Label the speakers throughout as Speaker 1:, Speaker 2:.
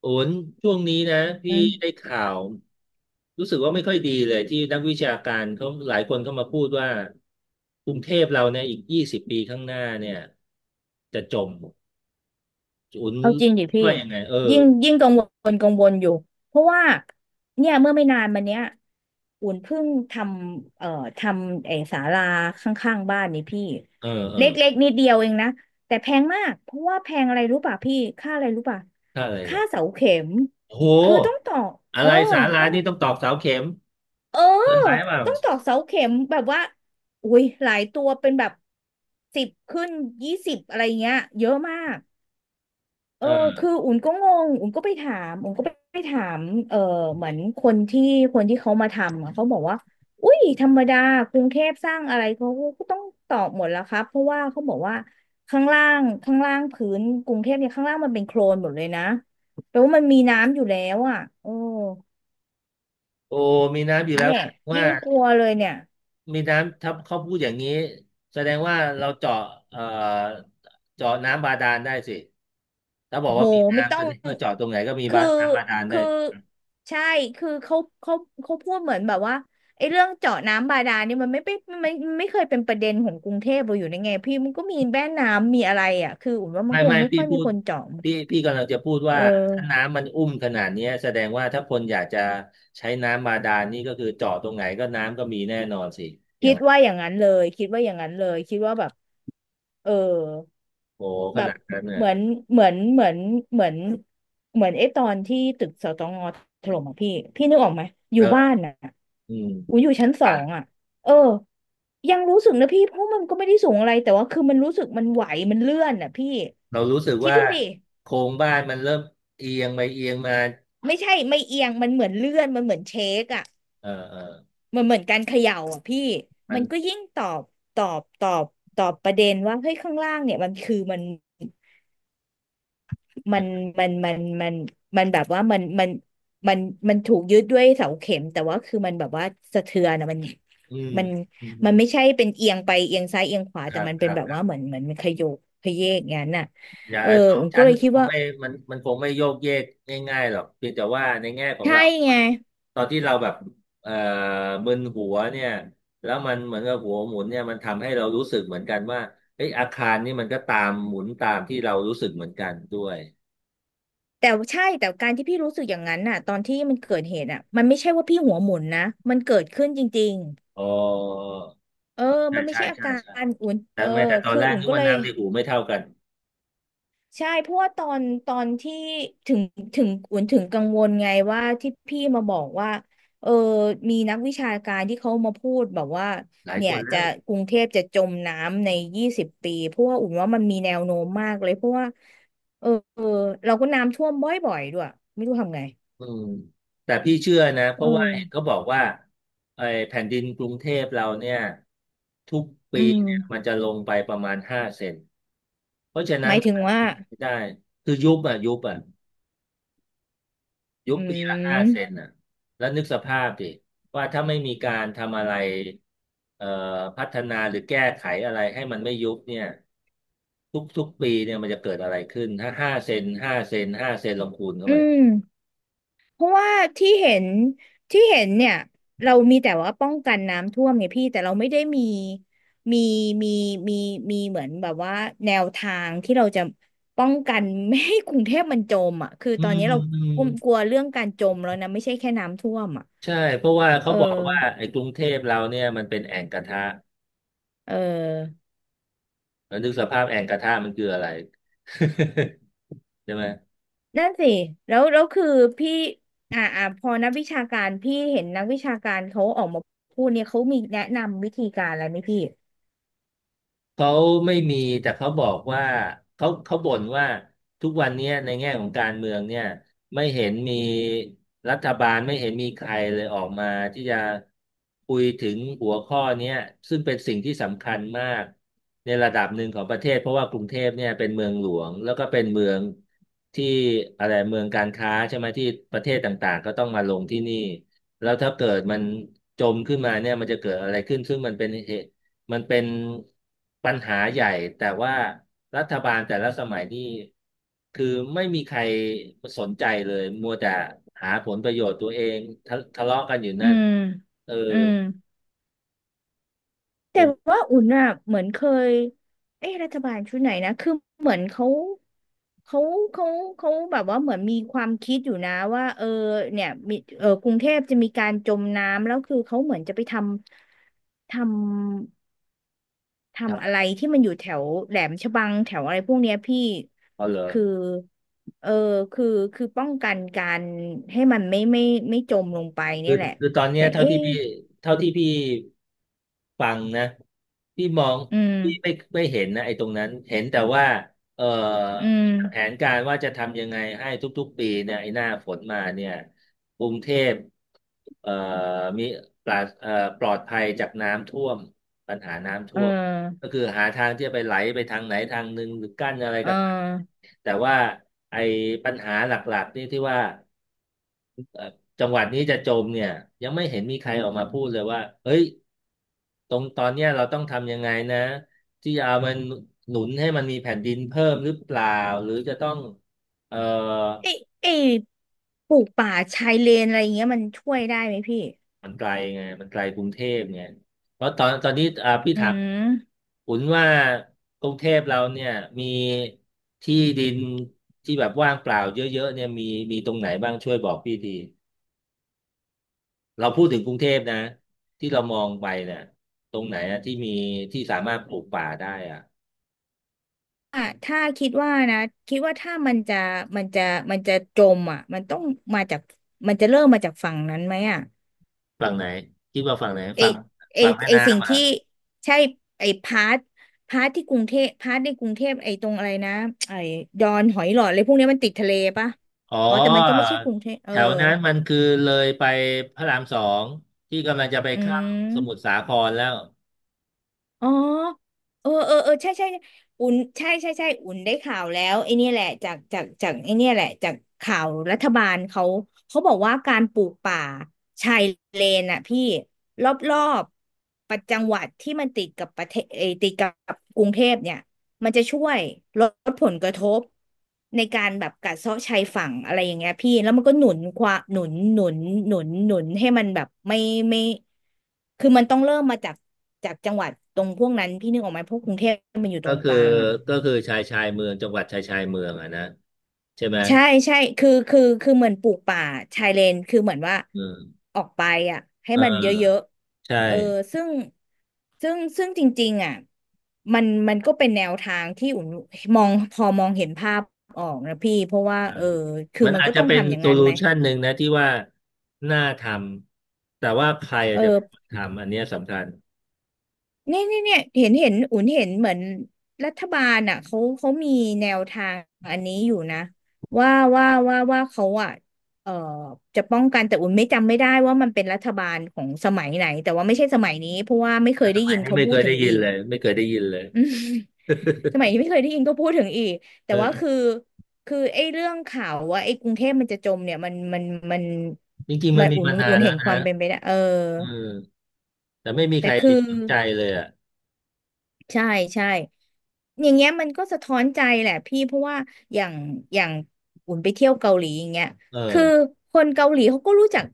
Speaker 1: โอนช่วงนี้นะพี่
Speaker 2: อื
Speaker 1: ได้
Speaker 2: ม
Speaker 1: ข่าวรู้สึกว่าไม่ค่อยดีเลยที่นักวิชาการเขาหลายคนเข้ามาพูดว่ากรุงเทพเราเนี่ยอีก20 ปีข้างหน้าเนี่ยจะจมโอน
Speaker 2: เอาจริงดิ
Speaker 1: คิด
Speaker 2: พี่
Speaker 1: ว่ายังไงเออ
Speaker 2: ยิ่งกังวลอยู่เพราะว่าเนี่ยเมื่อไม่นานมาเนี้ยอุ่นเพิ่งทำเอ่อทำไอ้ศาลาข้างๆบ้านนี่พี่
Speaker 1: เออเออ
Speaker 2: เล็กๆนิดเดียวเองนะแต่แพงมากเพราะว่าแพงอะไรรู้ป่ะพี่ค่าอะไรรู้ป่ะ
Speaker 1: ถ้าอะไร
Speaker 2: ค่า
Speaker 1: อ่ะ
Speaker 2: เสาเข็ม
Speaker 1: โอ้โห
Speaker 2: คือต้องต่อ
Speaker 1: อะ
Speaker 2: เออ
Speaker 1: ไรสารา
Speaker 2: ต้อง
Speaker 1: นี่ต้องตอกเสาเข็ม
Speaker 2: เออ
Speaker 1: เกินไปเปล่า
Speaker 2: ต้องต่อเสาเข็มแบบว่าอุ้ยหลายตัวเป็นแบบสิบขึ้นยี่สิบอะไรเงี้ยเยอะมาก เออ
Speaker 1: เออ
Speaker 2: คืออุ่นก็งงอุ่นก็ไปถามอุ่นก็ไปถามเออเหมือนคนที่เขามาทำอะเขาบอกว่าอุ้ยธรรมดากรุงเทพสร้างอะไรเขาก็ต้องตอบหมดแล้วครับเพราะว่าเขาบอกว่าข้างล่างพื้นกรุงเทพเนี่ยข้างล่างมันเป็นโคลนหมดเลยนะแปลว่ามันมีน้ำอยู่แล้วอ่ะโอ้
Speaker 1: โอ้มีน้ำอยู่แล้ว
Speaker 2: เนี่
Speaker 1: แส
Speaker 2: ย
Speaker 1: ดง
Speaker 2: ยิ่
Speaker 1: ว่า
Speaker 2: งกลัวเลยเนี่ย
Speaker 1: มีน้ำถ้าเขาพูดอย่างนี้แสดงว่าเราเจาะเอ่อเจาะน้ำบาดาลได้สิ ถ้าบอ
Speaker 2: โอ้
Speaker 1: ก
Speaker 2: โห
Speaker 1: ว่ามี
Speaker 2: ไม่
Speaker 1: น้ำ
Speaker 2: ต้
Speaker 1: แส
Speaker 2: อง
Speaker 1: ดงว่าเจาะตรงไหนก็มี
Speaker 2: คื
Speaker 1: บา
Speaker 2: อ
Speaker 1: น้ำบาดาลได้
Speaker 2: คือใช่คือเขาเขาพูดเหมือนแบบว่าไอ้เรื่องเจาะน้ำบาดาลนี่มันไม่เป็นมันไม่เคยเป็นประเด็นของกรุงเทพเราอยู่ในไงพี่มันก็มีแม่น้ำมีอะไรอ่ะคืออุ่นว่ามัน
Speaker 1: ไม่
Speaker 2: คง
Speaker 1: ไม่
Speaker 2: ไม่
Speaker 1: พี่
Speaker 2: ค่อย
Speaker 1: พู
Speaker 2: มี
Speaker 1: ด
Speaker 2: คนเจาะ
Speaker 1: พี่กำลังจะพูด
Speaker 2: เอ
Speaker 1: ว่าถ้า
Speaker 2: อ
Speaker 1: น้ำมันอุ้มขนาดเนี้ยแสดงว่าถ้าคนอยากจะใช้น้ำบาดาลนี่ก็คือเจาะตรงไหนก็น้ำก็มีแน่นอนสิอย่า
Speaker 2: คิ
Speaker 1: ง
Speaker 2: ด
Speaker 1: นั้น
Speaker 2: ว่าอย่างนั้นเลยคิดว่าอย่างนั้นเลยคิดว่าแบบเออ
Speaker 1: โอ้ข
Speaker 2: แบบ
Speaker 1: นาดนั้นเนี่
Speaker 2: เห
Speaker 1: ย
Speaker 2: มือนเหมือนเหมือนเหมือนเหมือนไอ้ตอนที่ตึกสตงถล่มอ่ะพี่พี่นึกออกไหมอ
Speaker 1: เอ
Speaker 2: ยู่บ้าน
Speaker 1: อ
Speaker 2: น่ะ
Speaker 1: อืม
Speaker 2: อูอยู่ชั้นสอ
Speaker 1: อ่ะ
Speaker 2: งอ่ะเออยังรู้สึกนะพี่เพราะมันก็ไม่ได้สูงอะไรแต่ว่าคือมันรู้สึกมันไหวมันเลื่อนอ่ะพี่
Speaker 1: เรารู้สึก
Speaker 2: คิด
Speaker 1: ว่า
Speaker 2: ดูดิ
Speaker 1: โครงบ้านมันเริ่มเอียงไปเอียงมา
Speaker 2: ไม่ใช่ไม่เอียงมันเหมือนเลื่อนมันเหมือนเชคอ่ะ
Speaker 1: เออเออ
Speaker 2: มันเหมือนการเขย่าอ่ะพี่
Speaker 1: มั
Speaker 2: มั
Speaker 1: น
Speaker 2: นก็ยิ่งตอบตอบตอบประเด็นว่าเฮ้ยข้างล่างเนี่ยมันคือมัน มันมันมันมันมันแบบว่ามันมันถูกยึดด้วยเสาเข็มแต่ว่าคือมันแบบว่าสะเทือนอะ
Speaker 1: อืม
Speaker 2: มัน
Speaker 1: อืม
Speaker 2: มันไม่ใช่เป็นเอียงไปเอียงซ้ายเอียงขวา
Speaker 1: ค
Speaker 2: แต่
Speaker 1: รับ
Speaker 2: มัน
Speaker 1: ค
Speaker 2: เป็น
Speaker 1: รับ
Speaker 2: แบบ
Speaker 1: ครั
Speaker 2: ว่า
Speaker 1: บ
Speaker 2: เหมือนมันขยกขยเยกอย่างนั้นน่ะ
Speaker 1: อย่า
Speaker 2: เออผมก็
Speaker 1: ชั้น
Speaker 2: เลยคิด
Speaker 1: คง
Speaker 2: ว่า
Speaker 1: ไม่มันคงไม่โยกเยกง่ายๆหรอกเพียงแต่ว่าในแง่ของ
Speaker 2: ใช่
Speaker 1: เรา
Speaker 2: ไง
Speaker 1: ตอนที่เราแบบเอ่อมึนหัวเนี่ยแล้วมันเหมือนกับหัวหมุนเนี่ยมันทำให้เรารู้สึกเหมือนกันว่าเอ้ยอาคารนี่มันก็ตามหมุนตามที่เรารู้สึกเหมือนกันด้วย
Speaker 2: แต่ใช่แต่การที่พี่รู้สึกอย่างนั้นน่ะตอนที่มันเกิดเหตุอ่ะมันไม่ใช่ว่าพี่หัวหมุนนะมันเกิดขึ้นจริง
Speaker 1: อ๋อ
Speaker 2: ๆเออ
Speaker 1: ใช่
Speaker 2: มันไม่
Speaker 1: ใช่
Speaker 2: ใช่อา
Speaker 1: ใช่
Speaker 2: กา
Speaker 1: ใช่
Speaker 2: รอุ่นเอ
Speaker 1: แต่
Speaker 2: อ
Speaker 1: ไม่แต่ตอน
Speaker 2: คือ
Speaker 1: แรก
Speaker 2: อุ่น
Speaker 1: นึก
Speaker 2: ก็เล
Speaker 1: ว่า
Speaker 2: ย
Speaker 1: น้ำในหูไม่เท่ากัน
Speaker 2: ใช่เพราะว่าตอนที่ถึงถึงกวนถึงกังวลไงว่าที่พี่มาบอกว่าเออมีนักวิชาการที่เขามาพูดแบบว่า
Speaker 1: หลาย
Speaker 2: เนี่
Speaker 1: ค
Speaker 2: ย
Speaker 1: นแล้
Speaker 2: จะ
Speaker 1: ว
Speaker 2: กรุงเทพจะจมน้ำใน20 ปีเพราะว่าอุ่นว่ามันมีแนวโน้มมากเลยเพราะว่าเออเออเราก็น้ำท่วมบ่อยๆด้วยไม่รู้ทำไง
Speaker 1: อืมแต่พี่เชื่อนะเพ
Speaker 2: เอ
Speaker 1: ราะว่า
Speaker 2: อ
Speaker 1: เห็นเขาบอกว่าไอ้แผ่นดินกรุงเทพเราเนี่ยทุก
Speaker 2: อื
Speaker 1: ปีเนี่ยมัน
Speaker 2: ม
Speaker 1: จะลงไปประมาณห้าเซนเพราะฉะ
Speaker 2: ห
Speaker 1: นั้น
Speaker 2: มาย
Speaker 1: มั
Speaker 2: ถึ
Speaker 1: น
Speaker 2: ง
Speaker 1: อาจ
Speaker 2: ว่า
Speaker 1: จะไม่ได้คือยุบอ่ะยุบอ่ะยุบ
Speaker 2: อื
Speaker 1: ปีละห้า
Speaker 2: ม
Speaker 1: เซนอ่ะแล้วนึกสภาพดิว่าถ้าไม่มีการทำอะไรเอ่อพัฒนาหรือแก้ไขอะไรให้มันไม่ยุบเนี่ยทุกปีเนี่ยมันจะเกิดอะไรขึ้นถ้าห้าเซนห้าเซนห้าเซนลองคูณเข้า
Speaker 2: อื
Speaker 1: ไป
Speaker 2: ม เพราะว่าที่เห็นที่เห็นเนี่ยเรามีแต่ว่าป้องกันน้ำท่วมไงพี่แต่เราไม่ได้มีมีมีมีมีเหมือนแบบว่าแนวทางที่เราจะป้องกันไม่ให้กรุงเทพมันจมอ่ะคือ
Speaker 1: อื
Speaker 2: ตอน
Speaker 1: ม
Speaker 2: นี้เรา
Speaker 1: อืม
Speaker 2: กลัวกลัวเรื่องการจมแล้วนะไม่ใช่แค่น้ำท่วมอ่ะ
Speaker 1: ใช่เพราะว่า
Speaker 2: เอ
Speaker 1: เขา
Speaker 2: อ
Speaker 1: บอกว่าไอ้กรุงเทพเราเนี่ยมันเป็นแอ่งกระทะ
Speaker 2: เออ
Speaker 1: แล้วนึกสภาพแอ่งกระทะมันคืออะไร ใช่ไหม
Speaker 2: นั่นสิแล้วคือพี่พอนักวิชาการพี่เห็นนักวิชาการเขาออกมาพูดเนี่ยเขามีแนะนำวิธีการอะไรไหมพี่
Speaker 1: เขาไม่มีแต่เขาบอกว่าเขาบ่นว่าทุกวันเนี้ยในแง่ของการเมืองเนี่ยไม่เห็นมีรัฐบาลไม่เห็นมีใครเลยออกมาที่จะคุยถึงหัวข้อเนี้ยซึ่งเป็นสิ่งที่สำคัญมากในระดับหนึ่งของประเทศเพราะว่ากรุงเทพเนี่ยเป็นเมืองหลวงแล้วก็เป็นเมืองที่อะไรเมืองการค้าใช่ไหมที่ประเทศต่างๆก็ต้องมาลงที่นี่แล้วถ้าเกิดมันจมขึ้นมาเนี่ยมันจะเกิดอะไรขึ้นซึ่งมันเป็นเหตุ มันเป็นปัญหาใหญ่แต่ว่ารัฐบาลแต่ละสมัยนี่คือไม่มีใครสนใจเลยมัวแต่หาผลประโยชน์ตัวเองทะเลาะกันอยู่
Speaker 2: อื
Speaker 1: นั่น
Speaker 2: ม
Speaker 1: เออ
Speaker 2: อืม
Speaker 1: จ
Speaker 2: แต่
Speaker 1: น
Speaker 2: ว่าอุ่นอ่ะเหมือนเคยเอ๊ะรัฐบาลชุดไหนนะคือเหมือนเขาเขาเขาแบบว่าเหมือนมีความคิดอยู่นะว่าเออเนี่ยมีเออกรุงเทพจะมีการจมน้ำแล้วคือเขาเหมือนจะไปำททำ
Speaker 1: ทำ
Speaker 2: อะ
Speaker 1: อะ
Speaker 2: ไร
Speaker 1: ไร
Speaker 2: ที่มันอยู่แถวแหลมฉบังแถวอะไรพวกเนี้ยพี่
Speaker 1: เอาเหรอ
Speaker 2: คือเออคือคือป้องกันการให้มันไม่จมลงไปเนี่
Speaker 1: คื
Speaker 2: ย
Speaker 1: อ
Speaker 2: แหละ
Speaker 1: คือตอนเนี้
Speaker 2: แต่
Speaker 1: ย
Speaker 2: เอ๊ะ
Speaker 1: เท่าที่พี่ฟังนะพี่มอง
Speaker 2: อืม
Speaker 1: พี่ไม่ไม่เห็นนะไอ้ตรงนั้น เห็นแต่ว่าเอ่อ
Speaker 2: อืม
Speaker 1: แผนการว่าจะทำยังไงให้ทุกๆปีเนี่ยไอ้หน้าฝนมาเนี่ยกรุงเทพเอ่อมีปราศปลอดภัยจากน้ำท่วมปัญหาน้ำ
Speaker 2: เอ
Speaker 1: ท่วม ก็
Speaker 2: อ
Speaker 1: คือหาทางที่จะไปไหลไปทางไหนทางหนึ่งหรือกั้นอะไร
Speaker 2: เออ
Speaker 1: ก็ตามแต่ว่าไอ้ปัญหาหลักๆนี่ที่ว่า จังหวัดนี้จะจมเนี่ยยังไม่เห็นมีใครออกมาพูดเลยว่าเฮ้ยตรงตอนเนี้ยเราต้องทำยังไงนะที่จะเอามันหนุนให้มันมีแผ่นดินเพิ่มหรือเปล่าหรือจะต้องเออ
Speaker 2: เอ้ยเอ้ยปลูกป่าชายเลนอะไรอย่างเงี้ยมันช่วยได้ไหมพี่
Speaker 1: มันไกลไงมันไกลกรุงเทพไงเพราะตอนตอนนี้อ่าพี่
Speaker 2: อื
Speaker 1: ถาม
Speaker 2: ม
Speaker 1: คุณว่ากรุงเทพเราเนี่ยมีที่ดินที่แบบว่างเปล่าเยอะๆเนี่ยมีมีตรงไหนบ้างช่วยบอกพี่ที เราพูดถึงกรุงเทพนะที่เรามองไปเนี่ยตรงไหนอะที่มีที่สามารถปลูกป่าได้อะ
Speaker 2: อ่ะถ้าคิดว่านะคิดว่าถ้ามันจะมันจะจมอ่ะมันต้องมาจากมันจะเริ่มมาจากฝั่งนั้นไหมอ่ะ
Speaker 1: ฝั่งไหนคิดว่าฝั่งไหน
Speaker 2: ไอ
Speaker 1: ฝั่ง
Speaker 2: ไอ
Speaker 1: ฝั่งแม่
Speaker 2: ไอสิ่
Speaker 1: น้ำ
Speaker 2: ง
Speaker 1: เหรอ
Speaker 2: ที่ใช่ไอพาร์ทในกรุงเทพไอตรงอะไรนะไอดอนหอยหลอดอะไรพวกเนี้ยมันติดทะเลปะ
Speaker 1: อ๋อ
Speaker 2: อ๋อแต่มันก็ไม่ใช่กรุงเทพเอ
Speaker 1: แถ
Speaker 2: อ
Speaker 1: วนั้นมันคือเลยไปพระราม 2ที่กำลังจะไป
Speaker 2: อื
Speaker 1: เข้าสมุทรสา
Speaker 2: ม
Speaker 1: ครแล้ว
Speaker 2: อ๋อเออใช่ใช่อุ่นได้ข่าวแล้วไอ้เนี่ยแหละจากไอ้เนี่ยแหละจากข่าวรัฐบาลเขาเขาบอกว่าการปลูกป่าชายเลนอ่ะพี่รอบประจังหวัดที่มันติดกับประเทศเอยติดกับกรุงเทพเนี่ย มันจะช่วยลดผลกระทบในการแบบกัดเซาะชายฝั่งอะไรอย่างเงี้ยพี่แล้วมันก็หนุนความหนุนให้มันแบบไม่คือมันต้องเริ่มมาจากจังหวัดตรงพวกนั้นพี่นึกออกไหมพวกกรุงเทพมันอยู่ต
Speaker 1: ก็
Speaker 2: รงก
Speaker 1: คือ
Speaker 2: ลางอะ
Speaker 1: ก็คือชายชายเมืองจังหวัดชายชายเมืองอะนะใช่ไหม
Speaker 2: ใช่ใช่คือเหมือนปลูกป่าชายเลนคือเหมือนว่า
Speaker 1: เออ
Speaker 2: ออกไปอ่ะให้
Speaker 1: เ
Speaker 2: มันเยอะ
Speaker 1: ออใช่
Speaker 2: ๆเออซึ่งซึ่งจริงๆอ่ะมันก็เป็นแนวทางที่อุ่นมองพอมองเห็นภาพออกนะพี่เพราะว่าเออคือ
Speaker 1: มัน
Speaker 2: มัน
Speaker 1: อาจ
Speaker 2: ก็
Speaker 1: จะ
Speaker 2: ต้อง
Speaker 1: เป็น
Speaker 2: ทำอย่าง
Speaker 1: โซ
Speaker 2: นั้น
Speaker 1: ลู
Speaker 2: ไหม
Speaker 1: ชันหนึ่งนะที่ว่าน่าทำแต่ว่าใคร
Speaker 2: เอ
Speaker 1: อาจจะเป็นค
Speaker 2: อ
Speaker 1: นทำอันเนี้ยสำคัญ
Speaker 2: เนี่ยเนี่ยเนี่ยเห็นอุ่นเห็นเหมือนรัฐบาลอ่ะเขามีแนวทางอันนี้อยู่นะว่าว่าเขาอ่ะเอ่อจะป้องกันแต่อุ่นไม่จำไม่ได้ว่ามันเป็นรัฐบาลของสมัยไหนแต่ว่าไม่ใช่สมัยนี้เพราะว่าไม่เค
Speaker 1: แต่
Speaker 2: ย
Speaker 1: ส
Speaker 2: ได้
Speaker 1: มั
Speaker 2: ยิ
Speaker 1: ย
Speaker 2: น
Speaker 1: นี้
Speaker 2: เขา
Speaker 1: ไม่
Speaker 2: พู
Speaker 1: เค
Speaker 2: ด
Speaker 1: ย
Speaker 2: ถึ
Speaker 1: ได้
Speaker 2: ง
Speaker 1: ยิ
Speaker 2: อี
Speaker 1: น
Speaker 2: ก
Speaker 1: เลยไม่เคยได้ยินเลย
Speaker 2: อืมสมัย นี้ไม่เคยได้ยินก็พูดถึงอีกแต่ว่าคือ
Speaker 1: เออ
Speaker 2: คือไอ้เรื่องข่าวว่าไอ้กรุงเทพมันจะจมเนี่ยมัน
Speaker 1: จริงๆมั
Speaker 2: มั
Speaker 1: น
Speaker 2: น
Speaker 1: มี
Speaker 2: อุ่น
Speaker 1: มานา
Speaker 2: อุ่
Speaker 1: น
Speaker 2: น
Speaker 1: แล้
Speaker 2: เห็
Speaker 1: ว
Speaker 2: นค
Speaker 1: นะ
Speaker 2: วามเป็นไปได้เออ
Speaker 1: เออแต่ไม่มี
Speaker 2: แต่
Speaker 1: ใครไป
Speaker 2: คือ
Speaker 1: สนใจเลยอ่ะ
Speaker 2: ใช่ใช่ อย่างเงี้ยมันก็สะท้อนใจแหละพี่เพราะว่าอย่างอย่างอุ่นไปเที่ยวเกาหลีอย่างเงี้ย
Speaker 1: เออ
Speaker 2: คือคนเกาหลีเขาก็รู้จัก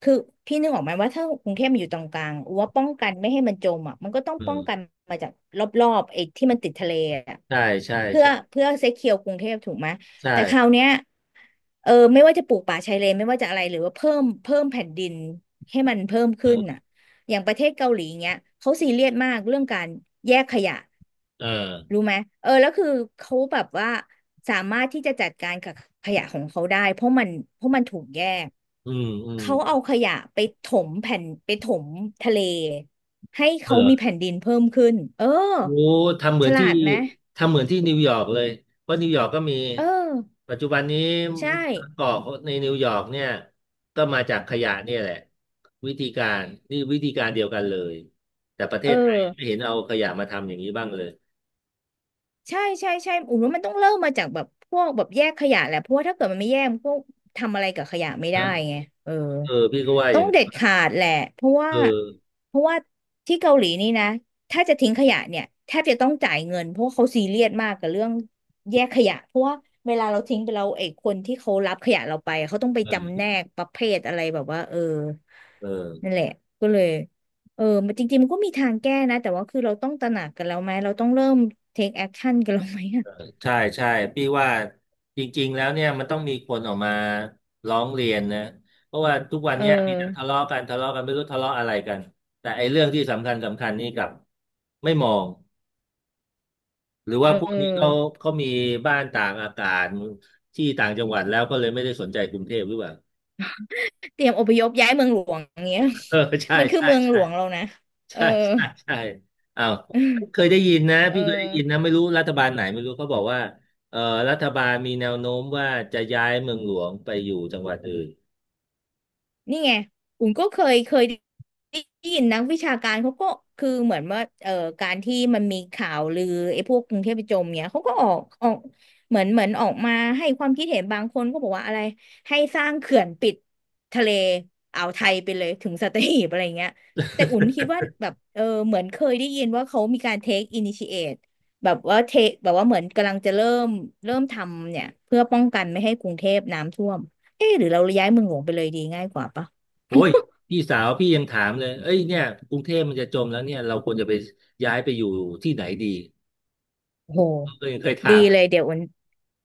Speaker 2: คือพี่นึกออกไหมว่าถ้ากรุงเทพมันอยู่ตรงกลางว่าป้องกันไม่ให้มันจมอ่ะมันก็ต้อง
Speaker 1: เอ
Speaker 2: ป้อง
Speaker 1: อ
Speaker 2: กันมาจากรอบๆไอ้ที่มันติดทะเลอ่ะ
Speaker 1: ใช่ใช่
Speaker 2: เพื่อ
Speaker 1: ใช่
Speaker 2: เพื่อเซเคียวกรุงเทพถูกไหม
Speaker 1: ใช่
Speaker 2: แต่คราวเนี้ยเออไม่ว่าจะปลูกป่าชายเลนไม่ว่าจะอะไรหรือว่าเพิ่มแผ่นดินให้มันเพิ่มขึ้น
Speaker 1: เออ
Speaker 2: อ่ะ อย่างประเทศเกาหลีเงี้ยเขาซีเรียสมากเรื่องการแยกขยะ
Speaker 1: เออ
Speaker 2: รู้ไหมเออแล้วคือเขาแบบว่าสามารถที่จะจัดการกับขยะของเขาได้เพราะมันถูกแยก
Speaker 1: อืมอืม
Speaker 2: เขาเอาขยะไปถมแผ่นไปถมทะเลให้เขามี
Speaker 1: เออ
Speaker 2: แผ่นดินเพิ่มขึ้นเออ
Speaker 1: โอ้ทำเหมื
Speaker 2: ฉ
Speaker 1: อนที่
Speaker 2: ลาดไหม
Speaker 1: ทำเหมือนที่นิวยอร์กเลยเพราะนิวยอร์กก็มี
Speaker 2: เออ
Speaker 1: ปัจจุบันนี้
Speaker 2: ใช่
Speaker 1: บางเกอกในนิวยอร์กเนี่ยก็มาจากขยะเนี่ยแหละวิธีการนี่วิธีการเดียวกันเลยแต่ประเท
Speaker 2: เออ
Speaker 1: ศไทยไม่เห็นเอาขยะมาทำอย่างนี้บ้างเลย
Speaker 2: ใช่ใช่ใช่อุ๋มว่ามันต้องเริ่มมาจากแบบพวกแบบแยกขยะแหละเพราะว่าถ้าเกิดมันไม่แยกมันก็ทำอะไรกับขยะไม่ได้
Speaker 1: นะ
Speaker 2: ไงเออ
Speaker 1: เออพี่ก็ว่าอ
Speaker 2: ต้อ
Speaker 1: ย่า
Speaker 2: ง
Speaker 1: งนั้น
Speaker 2: เด็ดขาดแหละ เพราะว่า
Speaker 1: เออ
Speaker 2: เพราะว่าที่เกาหลีนี่นะ ถ้าจะทิ้งขยะเนี่ยแทบจะต้องจ่ายเงินเพราะว่าเขาซีเรียสมากกับเรื่องแยกขยะเพราะว่าเวลาเราทิ้งไปแล้ไอ้คนที่เขารับขยะเราไปเขาต้องไปจำแน
Speaker 1: เออ
Speaker 2: กประเภทอะไรแบบว่าเออ
Speaker 1: เออ
Speaker 2: นั่นแหละก็เลยเออมันจริงๆมันก็มีทางแก้นะแต่ว่าคือเราต้องตระหนักกันแล้วไหมเราต้องเริ่ม take action กันแล้วไหมอะ
Speaker 1: ใช่ใช่พี่ว่าจริงๆแล้วเนี่ยมันต้องมีคนออกมาร้องเรียนนะเพราะว่าทุกวัน
Speaker 2: เอ
Speaker 1: เนี้ยมีแต่ทะ
Speaker 2: อ
Speaker 1: เลาะกันทะเลาะกันไม่รู้ทะเลาะอะไรกันแต่ไอ้เรื่องที่สำคัญสำคัญนี่กลับไม่มองหรือ
Speaker 2: เ
Speaker 1: ว่าพวกนี้เขา
Speaker 2: ออ
Speaker 1: เขามีบ้านต่างอากาศที่ต่างจังหวัดแล้วก็เลยไม่ได้สนใจกรุงเทพหรือเปล่า
Speaker 2: เตรียมอพยพย้ายเมืองหลวงอย่างเงี้ย
Speaker 1: เออใช่
Speaker 2: มันคือ
Speaker 1: ใช่
Speaker 2: เมืองหล
Speaker 1: ใช่
Speaker 2: วงเรานะเออ
Speaker 1: ใช่ใช่ใช่อ้าวเคยได้ยินนะ
Speaker 2: เอ
Speaker 1: พี่เคยได้ยินนะ
Speaker 2: อ
Speaker 1: ไม่รู้รัฐบาลไหนไม่รู้เขาบอกว่าเอ่อรัฐบาลมีแนวโน้มว่าจะย้ายเมืองหลวงไปอยู่จังหวัดอื่น
Speaker 2: นี่ไงอุ่นก็เคยได้ยินนักวิชาการเขาก็คือเหมือนว่าเออการที่มันมีข่าวลือไอ้พวกกรุงเทพจมเนี่ยเขาก็ออกเหมือนออกมาให้ความคิดเห็นบางคนก็บอกว่าอะไรให้สร้างเขื่อนปิดทะเลอ่าวไทยไปเลยถึงสัตหีบอะไรเงี้ยแต่อุ่นคิดว่าแบบเออเหมือนเคยได้ยินว่าเขามีการ take initiate แบบว่าเทแบบว่าเหมือนกำลังจะเริ่มเริ่มทำเนี่ยเพื่อป้องกันไม่ให้กรุงเทพน้ำท่วม เอ๊ะหรือเราย้ายเมืองหลวงไปเลยดีง่ายกว่าปะ
Speaker 1: โอ้ยพี่สาวพี่ยังถามเลยเอ้ยเนี่ยกรุงเทพมันจะจมแล้วเนี่ยเราควรจะไปย้ายไปอยู่ที่ไหนดี
Speaker 2: โอ้ห
Speaker 1: ก็ยังเคย
Speaker 2: ดี
Speaker 1: ถาม
Speaker 2: เลยเดี๋ยวอุ่น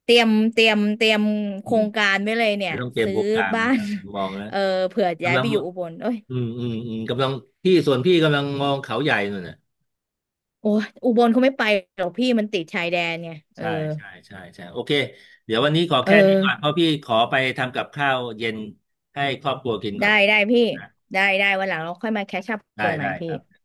Speaker 2: เตรียมโค
Speaker 1: อื
Speaker 2: ร
Speaker 1: ม
Speaker 2: งการไว้เลยเนี่
Speaker 1: เดี๋
Speaker 2: ย
Speaker 1: ยวต้องเตรียม
Speaker 2: ซื้อ
Speaker 1: โครงการแล้
Speaker 2: บ้า
Speaker 1: ว
Speaker 2: น
Speaker 1: นะมองแล้ว
Speaker 2: เออเผื่อย้า
Speaker 1: กำ
Speaker 2: ย
Speaker 1: ลัง
Speaker 2: ไปอยู่อุบลเอ้ย
Speaker 1: อืมอืมอืมกำลังพี่ส่วนพี่กำลังมองเขาใหญ่นู่นน่ะ
Speaker 2: โอ้ยอุบลเขาไม่ไปหรอกพี่มันติดชายแดนไงเออ
Speaker 1: ใช่ใช่ใช่ใช่โอเคเดี๋ยววันนี้ขอ
Speaker 2: เออ
Speaker 1: แค่นี้ก่อนเพราะพี่ขอไปทำกับข้าวเย็นให้ครอบครัวกินก่
Speaker 2: ได้
Speaker 1: อน
Speaker 2: ได้พี่
Speaker 1: นะ
Speaker 2: ได้ได้วันหลังเราค่อยมาแคชอัพ
Speaker 1: ได้
Speaker 2: กันใหม่
Speaker 1: ได้ค
Speaker 2: พี่
Speaker 1: รับ